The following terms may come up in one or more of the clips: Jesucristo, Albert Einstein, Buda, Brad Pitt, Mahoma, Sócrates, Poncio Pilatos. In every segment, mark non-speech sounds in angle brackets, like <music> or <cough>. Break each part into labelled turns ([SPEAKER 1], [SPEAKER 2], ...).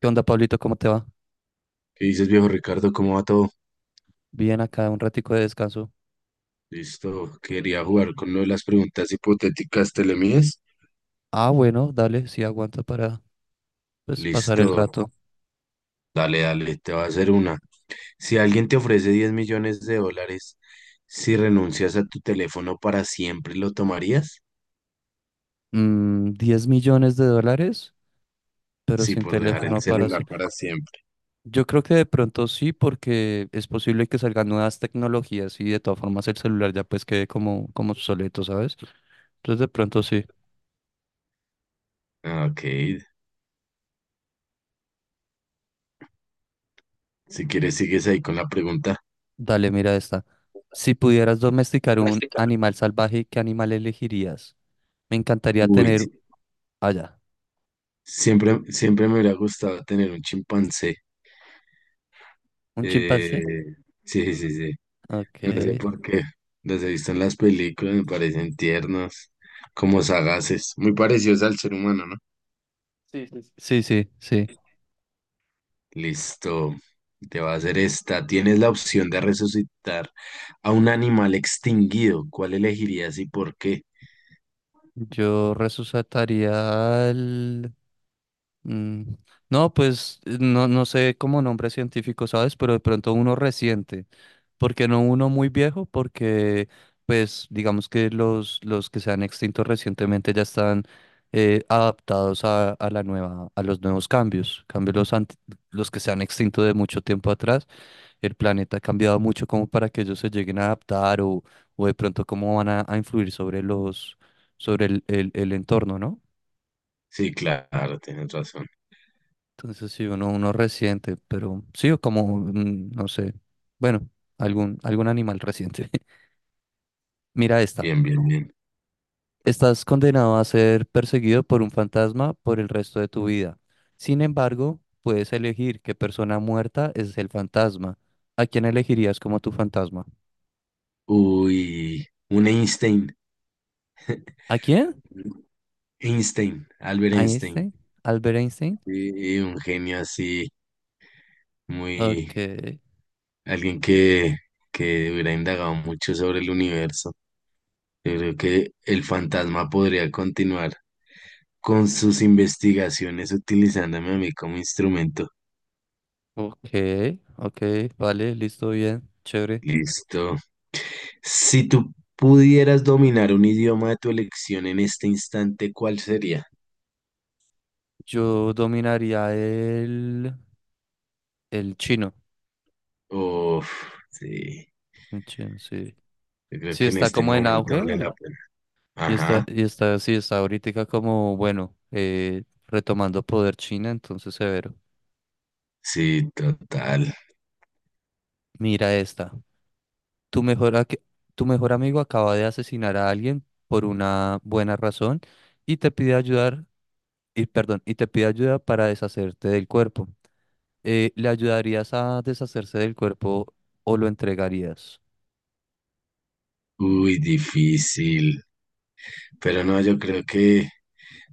[SPEAKER 1] ¿Qué onda, Pablito? ¿Cómo te va?
[SPEAKER 2] ¿Qué dices, viejo Ricardo? ¿Cómo va todo?
[SPEAKER 1] Bien, acá un ratico de descanso.
[SPEAKER 2] Listo, quería jugar con lo de las preguntas hipotéticas telemías.
[SPEAKER 1] Ah, bueno, dale, sí aguanta para pues, pasar
[SPEAKER 2] Listo,
[SPEAKER 1] el rato.
[SPEAKER 2] dale, dale, te va a hacer una. Si alguien te ofrece 10 millones de dólares, si renuncias a tu teléfono para siempre, ¿lo tomarías?
[SPEAKER 1] 10 millones de dólares, pero
[SPEAKER 2] Sí,
[SPEAKER 1] sin
[SPEAKER 2] por dejar el
[SPEAKER 1] teléfono para
[SPEAKER 2] celular
[SPEAKER 1] hacer.
[SPEAKER 2] para siempre.
[SPEAKER 1] Yo creo que de pronto sí, porque es posible que salgan nuevas tecnologías y de todas formas el celular ya pues quede como obsoleto, ¿sabes? Entonces de pronto sí.
[SPEAKER 2] Ah, Ok, si quieres, sigues ahí con la pregunta.
[SPEAKER 1] Dale, mira esta. Si pudieras domesticar un animal salvaje, ¿qué animal elegirías? Me encantaría
[SPEAKER 2] Uy,
[SPEAKER 1] tener
[SPEAKER 2] sí,
[SPEAKER 1] allá.
[SPEAKER 2] siempre, siempre me hubiera gustado tener un chimpancé.
[SPEAKER 1] ¿Un
[SPEAKER 2] Eh,
[SPEAKER 1] chimpancé?
[SPEAKER 2] sí, sí, sí. No sé
[SPEAKER 1] Ok.
[SPEAKER 2] por qué. Los he visto en las películas, me parecen tiernos, como sagaces, muy parecidos al ser humano, ¿no?
[SPEAKER 1] Sí, sí, sí. Sí, sí, sí.
[SPEAKER 2] Listo. Te va a hacer esta. Tienes la opción de resucitar a un animal extinguido. ¿Cuál elegirías y por qué?
[SPEAKER 1] Yo resucitaría el. mm, No, pues no, no sé cómo nombre científico, ¿sabes? Pero de pronto uno reciente. ¿Porque no uno muy viejo? Porque, pues, digamos que los que se han extinto recientemente ya están adaptados a la nueva, a los nuevos cambios. Cambio los que se han extinto de mucho tiempo atrás. El planeta ha cambiado mucho como para que ellos se lleguen a adaptar o, de pronto cómo van a influir sobre los, sobre el entorno, ¿no?
[SPEAKER 2] Sí, claro, tienes razón.
[SPEAKER 1] Entonces sí, uno resiente, pero sí, o como, no sé, bueno, algún animal reciente. <laughs> Mira esta.
[SPEAKER 2] Bien, bien, bien.
[SPEAKER 1] Estás condenado a ser perseguido por un fantasma por el resto de tu vida. Sin embargo, puedes elegir qué persona muerta es el fantasma. ¿A quién elegirías como tu fantasma?
[SPEAKER 2] Uy, un Einstein,
[SPEAKER 1] ¿A quién?
[SPEAKER 2] Einstein, Albert
[SPEAKER 1] ¿A
[SPEAKER 2] Einstein.
[SPEAKER 1] Einstein? ¿Albert Einstein?
[SPEAKER 2] Sí, un genio así,
[SPEAKER 1] Ok,
[SPEAKER 2] muy, alguien que hubiera indagado mucho sobre el universo. Yo creo que el fantasma podría continuar con sus investigaciones utilizándome a mí como instrumento.
[SPEAKER 1] ok, ok, vale, listo, bien, chévere.
[SPEAKER 2] Listo. Si tú pudieras dominar un idioma de tu elección en este instante, ¿cuál sería?
[SPEAKER 1] Yo dominaría el chino.
[SPEAKER 2] Uf, sí.
[SPEAKER 1] El chino, sí.
[SPEAKER 2] Yo creo
[SPEAKER 1] Sí,
[SPEAKER 2] que en
[SPEAKER 1] está
[SPEAKER 2] este
[SPEAKER 1] como en
[SPEAKER 2] momento vale
[SPEAKER 1] auge
[SPEAKER 2] la pena.
[SPEAKER 1] y está,
[SPEAKER 2] Ajá,
[SPEAKER 1] y está, sí, está ahorita como, bueno, retomando poder China, entonces severo.
[SPEAKER 2] sí, total.
[SPEAKER 1] Mira esta. Tu mejor, a- tu mejor amigo acaba de asesinar a alguien por una buena razón y te pide ayudar, y perdón, y te pide ayuda para deshacerte del cuerpo. ¿le ayudarías a deshacerse del cuerpo o lo entregarías?
[SPEAKER 2] Uy, difícil. Pero no, yo creo que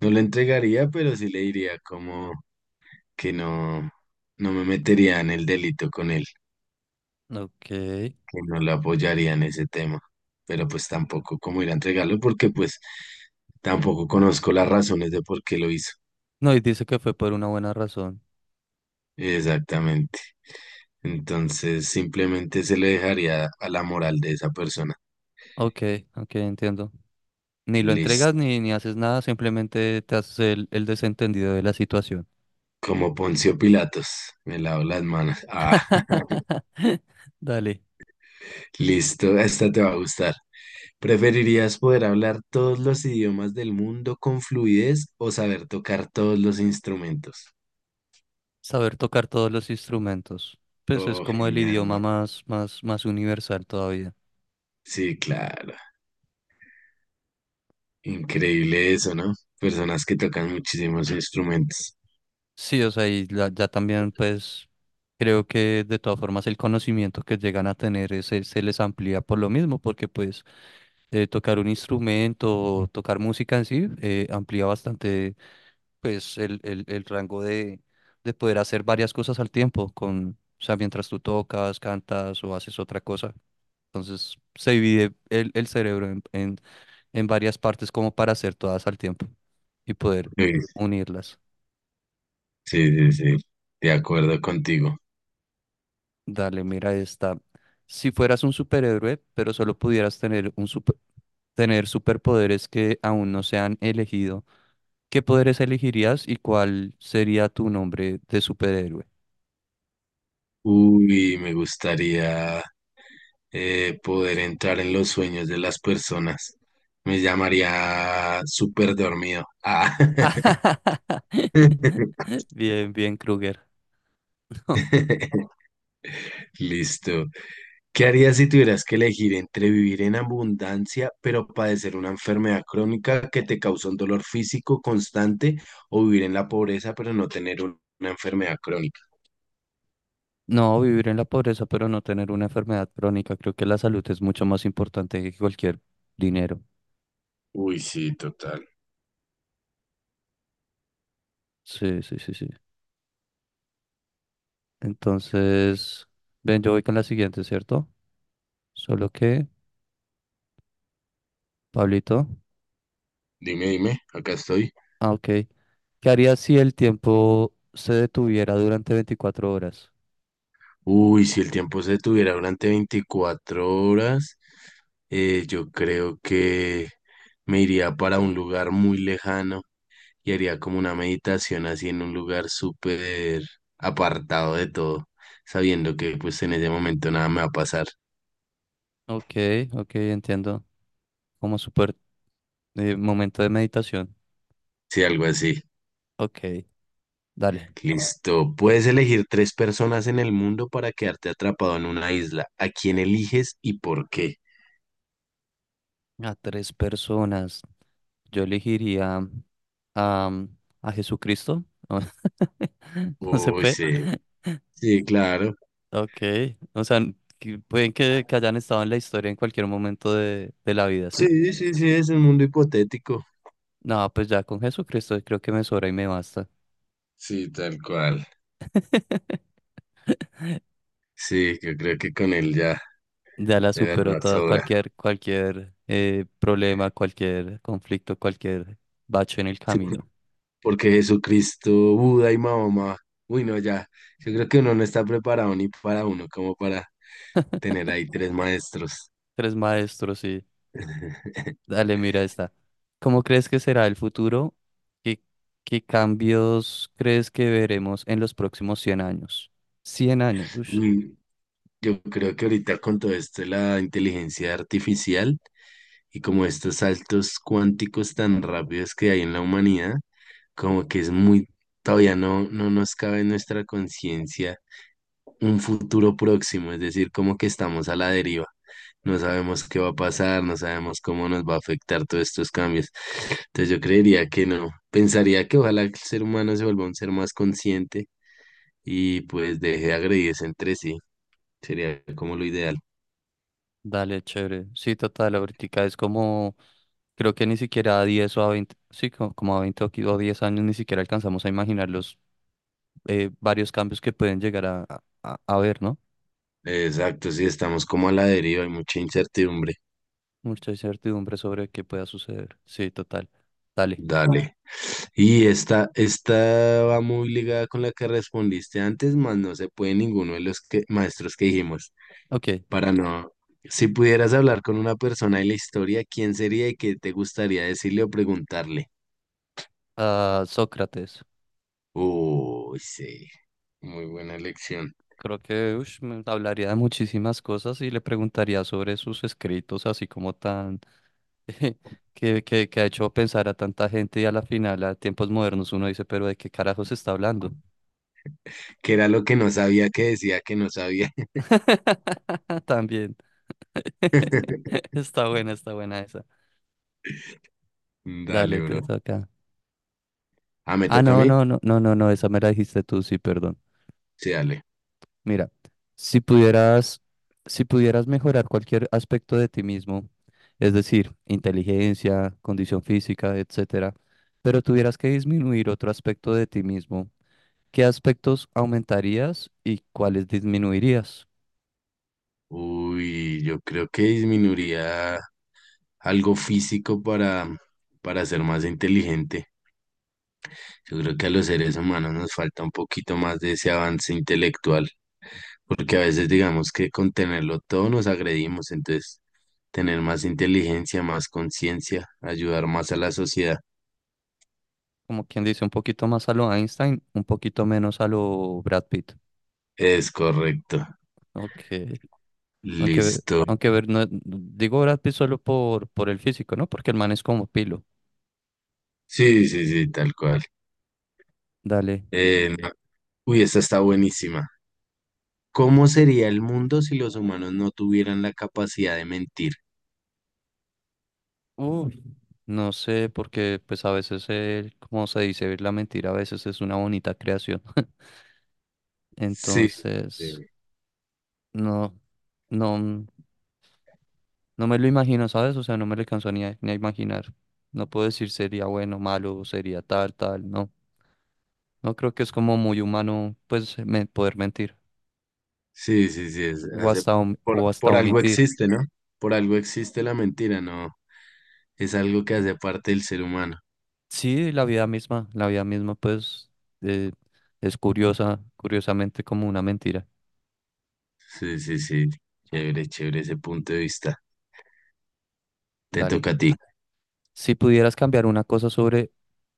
[SPEAKER 2] no lo entregaría, pero sí le diría como que no, no me metería en el delito con él.
[SPEAKER 1] Ok.
[SPEAKER 2] Que no lo apoyaría en ese tema, pero pues tampoco cómo ir a entregarlo porque pues tampoco conozco las razones de por qué lo hizo.
[SPEAKER 1] No, y dice que fue por una buena razón.
[SPEAKER 2] Exactamente. Entonces simplemente se le dejaría a la moral de esa persona.
[SPEAKER 1] Ok, ok, entiendo. Ni lo entregas
[SPEAKER 2] Listo.
[SPEAKER 1] ni haces nada, simplemente te haces el desentendido de la situación.
[SPEAKER 2] Como Poncio Pilatos, me lavo las manos. Ah,
[SPEAKER 1] <laughs> Dale,
[SPEAKER 2] listo, esta te va a gustar. ¿Preferirías poder hablar todos los idiomas del mundo con fluidez o saber tocar todos los instrumentos?
[SPEAKER 1] saber tocar todos los instrumentos. Pues es
[SPEAKER 2] Oh,
[SPEAKER 1] como el
[SPEAKER 2] genial. ¿No?
[SPEAKER 1] idioma más, más, más universal todavía.
[SPEAKER 2] Sí, claro. Increíble eso, ¿no? Personas que tocan muchísimos instrumentos.
[SPEAKER 1] Sí, o sea, y ya también pues creo que de todas formas el conocimiento que llegan a tener ese, se les amplía por lo mismo, porque pues tocar un instrumento, o tocar música en sí, amplía bastante pues el rango de poder hacer varias cosas al tiempo, con, o sea, mientras tú tocas, cantas o haces otra cosa. Entonces se divide el cerebro en varias partes como para hacer todas al tiempo y poder
[SPEAKER 2] Uy,
[SPEAKER 1] unirlas.
[SPEAKER 2] sí, sí, sí, de acuerdo contigo.
[SPEAKER 1] Dale, mira esta. Si fueras un superhéroe, pero solo pudieras tener superpoderes que aún no se han elegido, ¿qué poderes elegirías y cuál sería tu nombre de superhéroe?
[SPEAKER 2] Uy, me gustaría poder entrar en los sueños de las personas. Me llamaría súper dormido. Ah.
[SPEAKER 1] <laughs>
[SPEAKER 2] <laughs>
[SPEAKER 1] Bien, bien, Kruger. <laughs>
[SPEAKER 2] Listo. ¿Qué harías si tuvieras que elegir entre vivir en abundancia, pero padecer una enfermedad crónica que te causa un dolor físico constante, o vivir en la pobreza, pero no tener una enfermedad crónica?
[SPEAKER 1] No, vivir en la pobreza, pero no tener una enfermedad crónica. Creo que la salud es mucho más importante que cualquier dinero.
[SPEAKER 2] Uy, sí, total.
[SPEAKER 1] Sí, sí, sí, sí. Entonces, ven, yo voy con la siguiente, ¿cierto? Solo que, Pablito.
[SPEAKER 2] Dime, dime, acá estoy.
[SPEAKER 1] Ah, ok. ¿Qué harías si el tiempo se detuviera durante 24 horas?
[SPEAKER 2] Uy, si el tiempo se detuviera durante 24 horas, yo creo que me iría para un lugar muy lejano y haría como una meditación así en un lugar súper apartado de todo, sabiendo que pues en ese momento nada me va a pasar.
[SPEAKER 1] Ok, ok, entiendo. Como súper momento de meditación.
[SPEAKER 2] Sí, algo así.
[SPEAKER 1] Ok, dale.
[SPEAKER 2] Listo. Puedes elegir tres personas en el mundo para quedarte atrapado en una isla. ¿A quién eliges y por qué?
[SPEAKER 1] A tres personas. Yo elegiría a, a Jesucristo. <laughs> No se
[SPEAKER 2] Uy,
[SPEAKER 1] puede.
[SPEAKER 2] sí. Sí, claro.
[SPEAKER 1] Ok. O sea, que pueden que hayan estado en la historia en cualquier momento de la vida, ¿sí?
[SPEAKER 2] Sí, sí, sí, es un mundo hipotético.
[SPEAKER 1] No, pues ya con Jesucristo creo que me sobra y me basta.
[SPEAKER 2] Sí, tal cual. Sí, yo creo que con él ya
[SPEAKER 1] Ya la
[SPEAKER 2] de
[SPEAKER 1] superó
[SPEAKER 2] verdad
[SPEAKER 1] toda,
[SPEAKER 2] sobra.
[SPEAKER 1] cualquier, problema, cualquier conflicto, cualquier bache en el
[SPEAKER 2] Sí, por-
[SPEAKER 1] camino.
[SPEAKER 2] Porque Jesucristo, Buda y Mahoma, uy, no, ya, yo creo que uno no está preparado ni para uno como para tener ahí tres maestros.
[SPEAKER 1] Tres maestros y
[SPEAKER 2] <laughs>
[SPEAKER 1] dale, mira esta. ¿Cómo crees que será el futuro? ¿Qué, qué cambios crees que veremos en los próximos 100 años? 100 años, uff,
[SPEAKER 2] Y yo creo que ahorita con todo esto de la inteligencia artificial y como estos saltos cuánticos tan rápidos que hay en la humanidad, como que es muy, todavía no nos cabe en nuestra conciencia. Un futuro próximo, es decir, como que estamos a la deriva. No sabemos qué va a pasar, no sabemos cómo nos va a afectar todos estos cambios. Entonces yo creería que no. Pensaría que ojalá el ser humano se vuelva un ser más consciente y pues deje de agredirse entre sí. Sería como lo ideal.
[SPEAKER 1] dale, chévere. Sí, total, ahorita es como, creo que ni siquiera a 10 o a 20 sí, como, a 20 o 10 años ni siquiera alcanzamos a imaginar los varios cambios que pueden llegar a ver, ¿no?
[SPEAKER 2] Exacto, sí, estamos como a la deriva, hay mucha incertidumbre.
[SPEAKER 1] Mucha incertidumbre sobre qué pueda suceder. Sí, total. Dale.
[SPEAKER 2] Dale. Y esta va muy ligada con la que respondiste antes, más no se puede ninguno de los que, maestros que dijimos.
[SPEAKER 1] Ok.
[SPEAKER 2] Para no. Si pudieras hablar con una persona de la historia, ¿quién sería y qué te gustaría decirle o preguntarle?
[SPEAKER 1] Ah, Sócrates.
[SPEAKER 2] Uy, sí, muy buena elección.
[SPEAKER 1] Creo que ush, me hablaría de muchísimas cosas y le preguntaría sobre sus escritos, así como tan <laughs> que ha hecho pensar a tanta gente y a la final, a tiempos modernos, uno dice, pero ¿de qué carajo se está hablando?
[SPEAKER 2] ¿Qué era lo que no sabía que decía que no sabía?
[SPEAKER 1] <laughs> También. <laughs>
[SPEAKER 2] <laughs>
[SPEAKER 1] Está buena esa.
[SPEAKER 2] Dale,
[SPEAKER 1] Dale, te
[SPEAKER 2] bro.
[SPEAKER 1] toca.
[SPEAKER 2] Ah, ¿me
[SPEAKER 1] Ah,
[SPEAKER 2] toca a
[SPEAKER 1] no,
[SPEAKER 2] mí?
[SPEAKER 1] no, no, no, no, no, esa me la dijiste tú, sí, perdón.
[SPEAKER 2] Sí, dale.
[SPEAKER 1] Mira, si pudieras, si pudieras mejorar cualquier aspecto de ti mismo, es decir, inteligencia, condición física, etcétera, pero tuvieras que disminuir otro aspecto de ti mismo, ¿qué aspectos aumentarías y cuáles disminuirías?
[SPEAKER 2] Uy, yo creo que disminuiría algo físico para ser más inteligente. Yo creo que a los seres humanos nos falta un poquito más de ese avance intelectual. Porque a veces digamos que con tenerlo todo nos agredimos, entonces tener más inteligencia, más conciencia, ayudar más a la sociedad.
[SPEAKER 1] Como quien dice, un poquito más a lo Einstein, un poquito menos a lo Brad Pitt.
[SPEAKER 2] Es correcto.
[SPEAKER 1] Ok, aunque,
[SPEAKER 2] Listo.
[SPEAKER 1] aunque ver, digo Brad Pitt solo por el físico, ¿no? Porque el man es como pilo.
[SPEAKER 2] Sí, sí, sí, tal cual.
[SPEAKER 1] Dale.
[SPEAKER 2] Eh, no- Uy, esta está buenísima. ¿Cómo sería el mundo si los humanos no tuvieran la capacidad de mentir?
[SPEAKER 1] Uf, no sé, porque pues a veces, como se dice, la mentira a veces es una bonita creación. <laughs>
[SPEAKER 2] Sí,
[SPEAKER 1] Entonces,
[SPEAKER 2] sí,
[SPEAKER 1] no, no, no me lo imagino, ¿sabes? O sea, no me lo alcanzo ni a imaginar. No puedo decir sería bueno, malo, sería tal, tal, no. No creo que es como muy humano, pues, poder mentir
[SPEAKER 2] sí, sí, sí,
[SPEAKER 1] o hasta, om- o hasta
[SPEAKER 2] por algo
[SPEAKER 1] omitir.
[SPEAKER 2] existe, ¿no? Por algo existe la mentira, ¿no? Es algo que hace parte del ser humano.
[SPEAKER 1] Sí, la vida misma, pues, eh, es curiosa, curiosamente como una mentira.
[SPEAKER 2] Sí, sí, sí. Chévere, chévere ese punto de vista. Te
[SPEAKER 1] Dale.
[SPEAKER 2] toca a ti.
[SPEAKER 1] Si pudieras cambiar una cosa sobre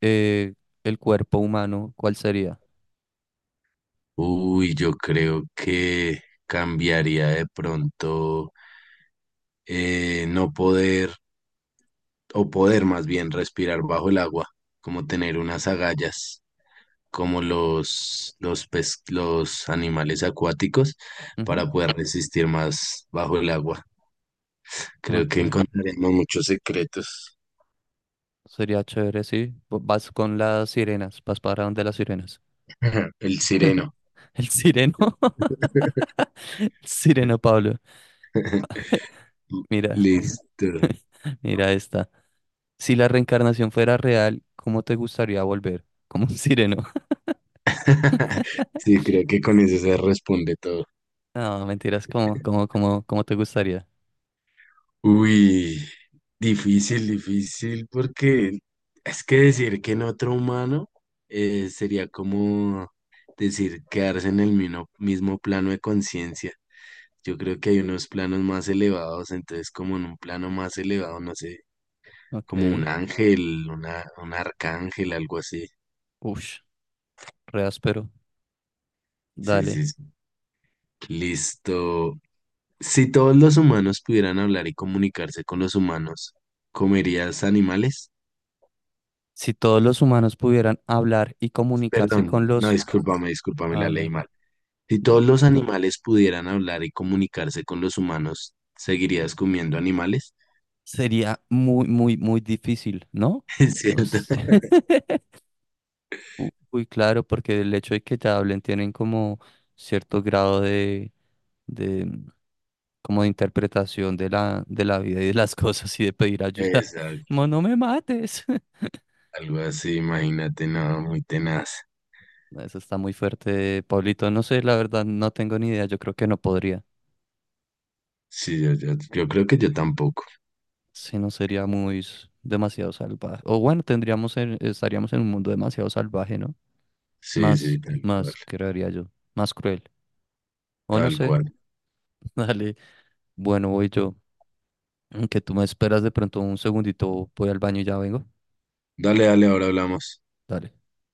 [SPEAKER 1] eh, el cuerpo humano, ¿cuál sería?
[SPEAKER 2] Uy, yo creo que cambiaría de pronto no poder, o poder más bien respirar bajo el agua, como tener unas agallas, como los animales acuáticos,
[SPEAKER 1] Ujú.
[SPEAKER 2] para poder resistir más bajo el agua. Creo
[SPEAKER 1] Ok,
[SPEAKER 2] que encontraremos muchos secretos.
[SPEAKER 1] sería chévere, sí. Vas con las sirenas, vas para donde las sirenas.
[SPEAKER 2] <laughs> El
[SPEAKER 1] <laughs>
[SPEAKER 2] sireno.
[SPEAKER 1] El sireno, <laughs> el sireno Pablo. Mira,
[SPEAKER 2] Listo.
[SPEAKER 1] <laughs> mira esta. Si la reencarnación fuera real, ¿cómo te gustaría volver? <laughs> Como un sireno. <laughs>
[SPEAKER 2] <laughs> Sí, creo que con eso se responde todo.
[SPEAKER 1] No, mentiras, ¿cómo te gustaría?
[SPEAKER 2] Uy, difícil, difícil, porque es que decir que en otro humano sería como decir quedarse en el mismo plano de conciencia. Yo creo que hay unos planos más elevados, entonces como en un plano más elevado, no sé, como
[SPEAKER 1] Ok.
[SPEAKER 2] un ángel, un arcángel, algo así.
[SPEAKER 1] Ush, re áspero.
[SPEAKER 2] Sí,
[SPEAKER 1] Dale.
[SPEAKER 2] sí, sí. Listo. Si todos los humanos pudieran hablar y comunicarse con los humanos, ¿comerías animales?
[SPEAKER 1] Si todos los humanos pudieran hablar y comunicarse
[SPEAKER 2] Perdón,
[SPEAKER 1] con
[SPEAKER 2] no,
[SPEAKER 1] los.
[SPEAKER 2] discúlpame, discúlpame, la
[SPEAKER 1] Ah,
[SPEAKER 2] leí
[SPEAKER 1] ya,
[SPEAKER 2] mal. Si
[SPEAKER 1] ya.
[SPEAKER 2] todos los animales pudieran hablar y comunicarse con los humanos, ¿seguirías comiendo animales?
[SPEAKER 1] Sería muy, muy, muy difícil, ¿no?
[SPEAKER 2] <laughs> Es
[SPEAKER 1] O
[SPEAKER 2] cierto.
[SPEAKER 1] sea, <laughs> Uy, claro, porque el hecho de que te hablen tienen como cierto grado de, como de interpretación de la vida y de las <laughs> cosas y de pedir ayuda. <laughs> Como,
[SPEAKER 2] Exacto,
[SPEAKER 1] no me mates. <laughs>
[SPEAKER 2] algo así, imagínate, no, muy tenaz.
[SPEAKER 1] Eso está muy fuerte, Pablito. No sé, la verdad, no tengo ni idea. Yo creo que no podría.
[SPEAKER 2] Yo creo que yo tampoco.
[SPEAKER 1] Si no sería muy demasiado salvaje. O bueno, tendríamos estaríamos en un mundo demasiado salvaje, ¿no?
[SPEAKER 2] Sí,
[SPEAKER 1] Más,
[SPEAKER 2] sí, tal cual,
[SPEAKER 1] más, creería yo. Más cruel. O no
[SPEAKER 2] tal
[SPEAKER 1] sé.
[SPEAKER 2] cual.
[SPEAKER 1] <laughs> Dale. Bueno, voy yo. Que tú me esperas de pronto un segundito. Voy al baño y ya vengo.
[SPEAKER 2] Dale, dale, ahora hablamos.
[SPEAKER 1] Dale.